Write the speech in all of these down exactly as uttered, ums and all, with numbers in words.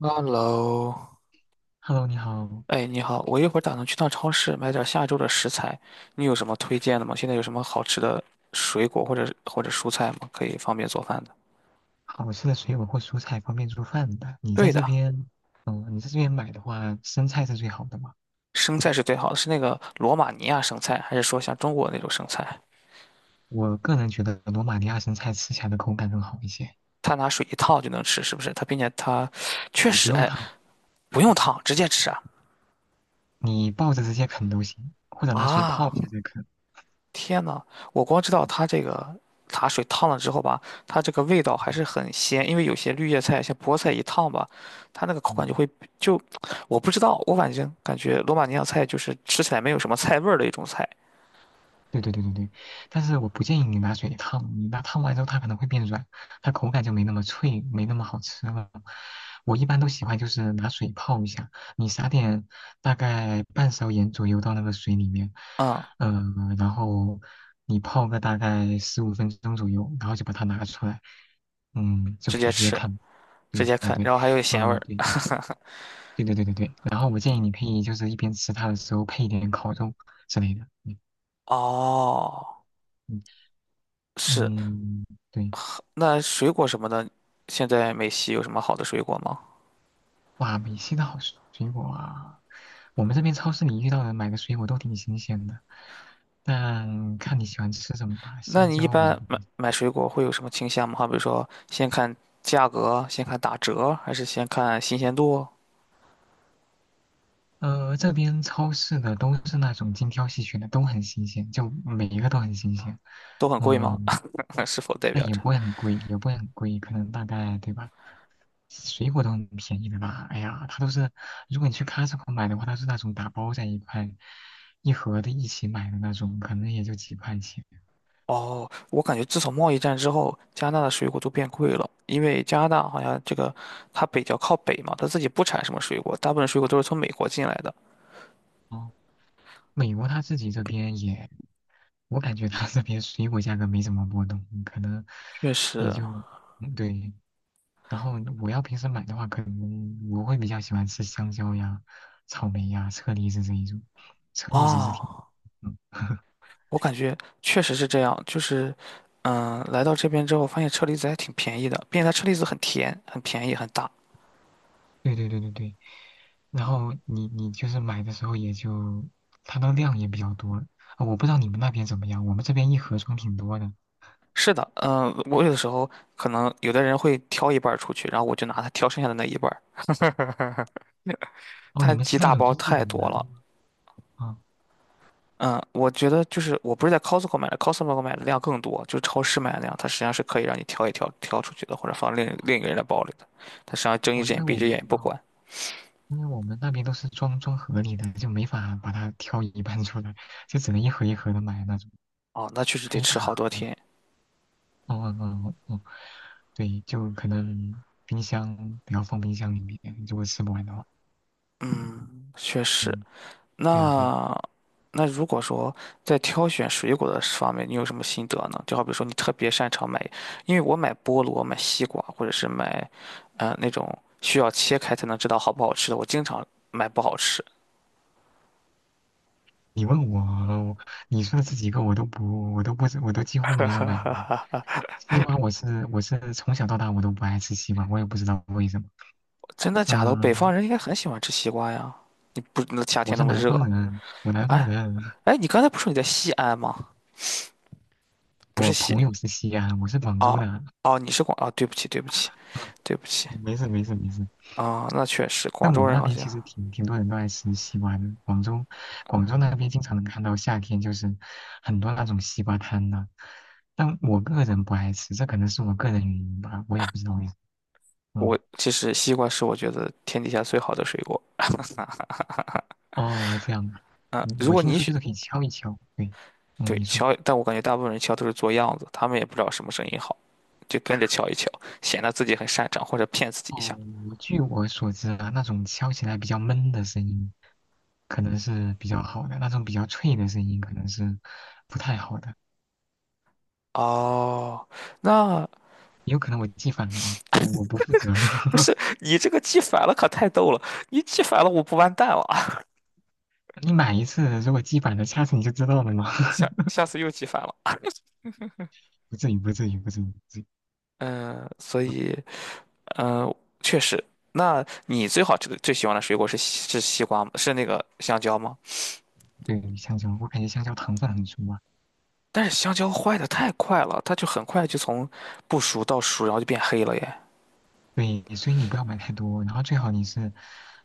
Hello，Hello，你好，哎，你好，我一会儿打算去趟超市买点儿下周的食材，你有什么推荐的吗？现在有什么好吃的水果或者或者蔬菜吗？可以方便做饭的。好吃的水果或蔬菜方便做饭的。你在对的，这边，嗯，你在这边买的话，生菜是最好的嘛？生菜是最好的，是那个罗马尼亚生菜，还是说像中国那种生菜？我个人觉得罗马尼亚生菜吃起来的口感更好一些，它拿水一烫就能吃，是不是？它并且它确你实，不用哎，烫，不用烫，直接吃啊。你抱着直接啃都行，或者拿水泡啊，一下再啃。天呐，我光知道嗯它这个茶水烫了之后吧，它这个味道嗯，还是很鲜，因为有些绿叶菜，像菠菜一烫吧，它那个口感就嗯会就，我不知道，我反正感觉罗马尼亚菜就是吃起来没有什么菜味儿的一种菜，对对对对对，但是我不建议你拿水烫，你拿烫完之后它可能会变软，它口感就没那么脆，没那么好吃了。我一般都喜欢就是拿水泡一下，你撒点大概半勺盐左右到那个水里面，嗯，嗯、然后你泡个大概十五分钟左右，然后就把它拿出来，嗯，就直可以接直接吃，看。直对接对啃，对，然后还有咸味呃，儿。对对对对对对，然后我建议你可以就是一边吃它的时候配一点烤肉之类的，嗯。哦，嗯是，嗯，对，那水果什么的，现在美西有什么好的水果吗？哇，美西的好水水果啊！我们这边超市里遇到的买的水果都挺新鲜的，但看你喜欢吃什么吧。那香你一蕉我就般不，买买水果会有什么倾向吗？好比如说，先看价格，先看打折，还是先看新鲜度？呃，这边超市的都是那种精挑细选的，都很新鲜，就每一个都很新鲜。都很贵吗？嗯，是否代表但也着？不会很贵，也不会很贵，可能大概对吧？水果都很便宜的吧？哎呀，它都是，如果你去 Costco 买的话，它是那种打包在一块，一盒的一起买的那种，可能也就几块钱。哦，我感觉自从贸易战之后，加拿大的水果都变贵了，因为加拿大好像这个它比较靠北嘛，它自己不产什么水果，大部分水果都是从美国进来的。哦，美国它自己这边也，我感觉它这边水果价格没怎么波动，可能确也实，就，嗯对。然后我要平时买的话，可能我会比较喜欢吃香蕉呀、草莓呀、车厘子这一种，车厘子是挺，啊，嗯，我感觉确实是这样，就是，嗯，来到这边之后，发现车厘子还挺便宜的，并且它车厘子很甜、很便宜、很大。对对对对对。然后你你就是买的时候也就它的量也比较多，啊，我不知道你们那边怎么样，我们这边一盒装挺多的。是的，嗯，我有的时候可能有的人会挑一半儿出去，然后我就拿它挑剩下的那一半儿，哦，你它们是几那大种包就是自己太拿多的了，吗？啊，嗯，我觉得就是我不是在 Costco 买的，Costco 买的量更多，就是超市买的量，它实际上是可以让你挑一挑挑出去的，或者放另另一个人的包里的，它实际上睁一哦，只因眼为闭一我只们眼也不哦，管。因为我们那边都是装装盒里的，就没法把它挑一半出来，就只能一盒一盒的买那种，哦，那确实它得一大吃好多盒。天，哦哦哦哦，对，就可能冰箱不要放冰箱里面，如果吃不完的话。确实。嗯，对呀对呀。那那如果说在挑选水果的方面，你有什么心得呢？就好比说你特别擅长买，因为我买菠萝、买西瓜，或者是买，呃，那种需要切开才能知道好不好吃的，我经常买不好吃。你问我，你说的这几个我都不，我都不，我都几乎没有买。西瓜我是我是从小到大我都不爱吃西瓜，我也不知道为什么。真的假的？北方嗯，人应该很喜欢吃西瓜呀。你不，那夏我天那是么南热，方人，我南方哎人，哎，你刚才不是说你在西安吗？不是我西，朋友是西安，我是广州哦的。哦，你是广，哦，对不起对不起嗯，对不起没事没事没事。啊，那确实，广但我州们人那好边像其实挺挺多人都爱吃西瓜的，广州广州那边经常能看到夏天就是很多那种西瓜摊的。但我个人不爱吃，这可能是我个人原因吧，我也不知道为什么。我嗯。其实西瓜是我觉得天底下最好的水果哦，这样啊，嗯，嗯如我果听你说就选，是可以敲一敲，对，嗯，对，你说。敲，但我感觉大部分人敲都是做样子，他们也不知道什么声音好，就跟着敲一敲，显得自己很擅长或者骗自己一下。哦，我据我所知啊，那种敲起来比较闷的声音，可能是比较好的；那种比较脆的声音，可能是不太好的。哦，那也有可能我记反了啊，我我不负责。不 是你这个记反了可太逗了，你记反了我不完蛋了啊，你买一次，如果记反了，下次你就知道了嘛。下 下次又记反了啊。不至于，不至于，不至于，不至于。嗯、所嗯以，嗯、确实，那你最好吃的最喜欢的水果是西是西瓜吗？是那个香蕉吗？对，香蕉，我感觉香蕉糖分很足啊，但是香蕉坏的太快了，它就很快就从不熟到熟，然后就变黑了耶。对，所以你不要买太多，然后最好你是，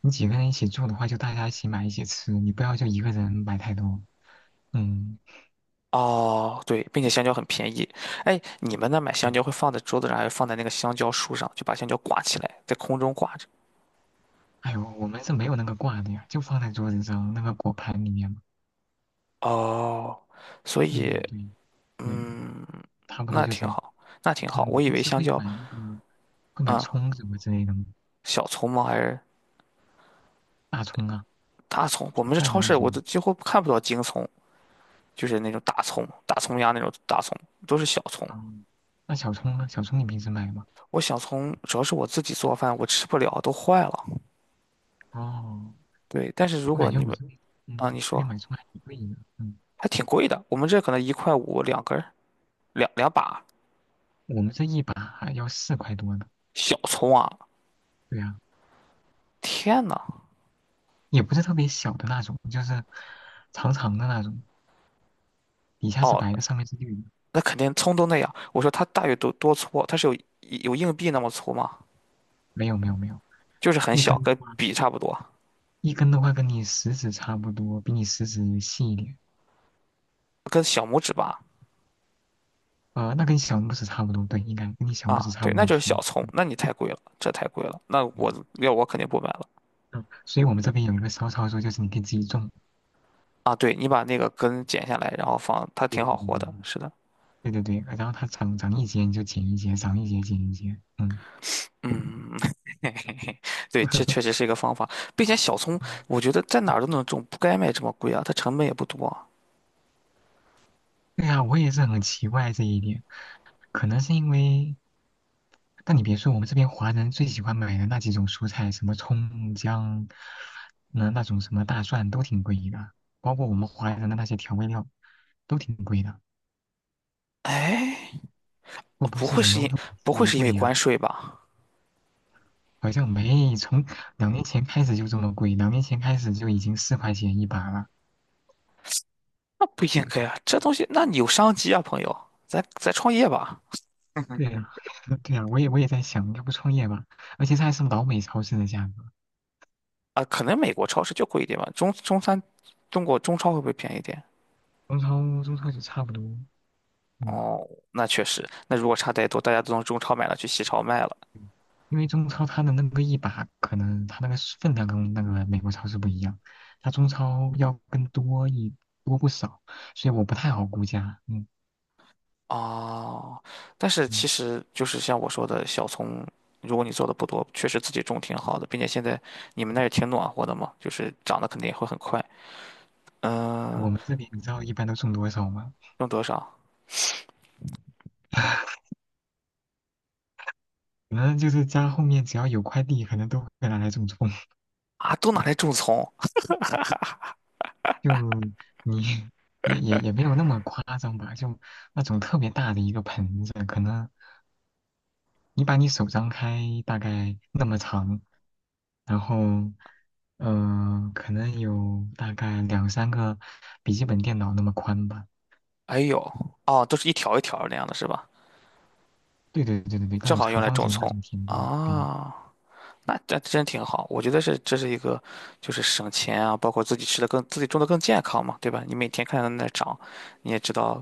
你几个人一起住的话，就大家一起买一起吃，你不要就一个人买太多。嗯，哦，对，并且香蕉很便宜。哎，你们那买香对。蕉会放在桌子上，还是放在那个香蕉树上，就把香蕉挂起来，在空中挂着？哎呦，我们是没有那个挂的呀，就放在桌子上那个果盘里面嘛。哦，所以，嗯，对，对，嗯。差不多那就挺这样。好，那挺好。嗯，你我以平为时香会蕉买那个会买啊，葱什么之类的吗？小葱吗？还是大葱啊，大葱？我做们这饭的超那市我种。都几乎看不到京葱，就是那种大葱、大葱丫那种大葱，都是小葱。啊，那小葱呢？小葱你平时买吗？我小葱主要是我自己做饭，我吃不了，都坏了。哦，对，但是如我果感觉你我们这边，嗯，啊，你这边说买葱还挺贵的。嗯，还挺贵的，我们这可能一块五两根儿，两两把我们这一把还要四块多呢。小葱啊！对呀。天呐，也不是特别小的那种，就是长长的那种，底下是哦，白的，上面是绿的。那肯定葱都那样。我说它大约多多粗啊？它是有有硬币那么粗吗？没有没有没有，就是很一小，根的跟话，笔差不多，一根的话跟你食指差不多，比你食指细一点。跟小拇指吧。呃，那跟小拇指差不多，对，应该跟你小拇指啊，差对，不那多就是粗。小葱，对那你太贵了，这太贵了，那我嗯要我肯定不买了。嗯，所以我们这边有一个骚操作，就是你可以自己种。啊，对，你把那个根剪下来，然后放，它对挺对好对活的。对是的，对对对对，然后它长长一节你就剪一节，长一节剪一节。嗯，对，这确实是一个方法，并且小葱，我觉得在哪儿都能种，不该卖这么贵啊，它成本也不多啊。对呀，我也是很奇怪这一点，可能是因为，但你别说，我们这边华人最喜欢买的那几种蔬菜，什么葱姜，那那种什么大蒜都挺贵的，包括我们华人的那些调味料都挺贵的。哎，会不会不是会什是么物因以不稀会为是因为贵呀？关税吧？好像没，从两年前开始就这么贵，两年前开始就已经四块钱一把了。那不应该啊，这东西那你有商机啊，朋友，咱咱创业吧。对呀，对呀，我也我也在想，要不创业吧，而且这还是老美超市的价格，啊，可能美国超市就贵一点吧，中中餐，中国中超会不会便宜一点？中超中超就差不多，嗯。哦，那确实，那如果差太多，大家都从中超买了，去西超卖了。因为中超它的那个一把，可能它那个是分量跟那个美国超市不一样，它中超要更多一多不少，所以我不太好估价。嗯哦，但是其嗯，实就是像我说的，小葱，如果你做的不多，确实自己种挺好的，并且现在你们那儿也挺暖和的嘛，就是长得肯定也会很快。嗯，我们这里你知道一般都种多少吗？用多少 可能就是家后面只要有块地，可能都会拿来种种。啊？都拿来种葱？就你也也也没有那么夸张吧，就那种特别大的一个盆子，可能你把你手张开大概那么长，然后，嗯，可能有大概两三个笔记本电脑那么宽吧。哎呦，哦，都是一条一条那样的是吧？对对对对对，那正种好用长来方种形的那葱种田地。对啊。那这真挺好，我觉得是这是一个，就是省钱啊，包括自己吃的更自己种的更健康嘛，对吧？你每天看它在那长，你也知道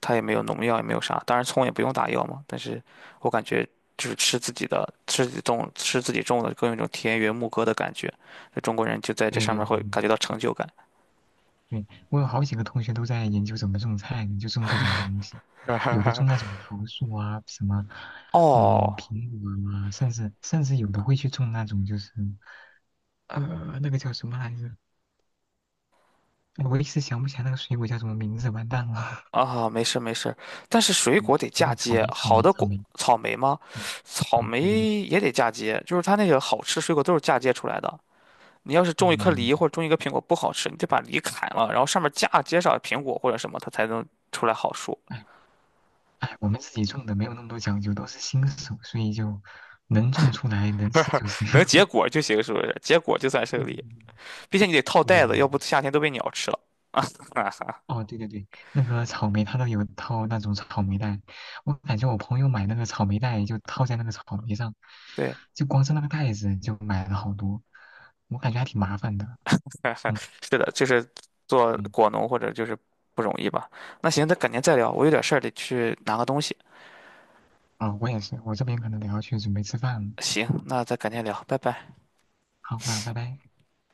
它也没有农药，也没有啥，当然葱也不用打药嘛。但是我感觉就是吃自己的，吃自己种，吃自己种的，更有一种田园牧歌的感觉。就中国人就在这对上对面对会感觉对到成就感。对，我有好几个同学都在研究怎么种菜呢，就种各种东西，有的种那种桃树啊，什么，嗯，哦，苹果啊，甚至甚至有的会去种那种就是，呃，那个叫什么来着？哎我一时想不起来那个水果叫什么名字，完蛋了。啊，没事没事，但是水嗯，果得不嫁对，草接，莓，草好莓，的草果，莓。草莓吗？嗯，草嗯莓对对对，也得嫁接，就是它那个好吃水果都是嫁接出来的。你要是种一颗嗯。梨或者种一个苹果不好吃，你得把梨砍了，然后上面架接上苹果或者什么，它才能出来好树，哎，我们自己种的没有那么多讲究，都是新手，所以就能种出来能吃就行。能结 果就行，是不是？结果就算是个对梨，并且你得套对对对袋对子，要对不夏天都被鸟吃了。哈哈，哦，对对对，那个草莓它都有套那种草莓袋，我感觉我朋友买那个草莓袋就套在那个草莓上，对，就光是那个袋子就买了好多，我感觉还挺麻烦的。嗯 是的，就是做嗯，果农或者就是不容易吧。那行，那改天再聊，我有点事儿得去拿个东西。啊，我也是，我这边可能得要去准备吃饭了。行，那再改天聊，拜拜。好，那拜拜。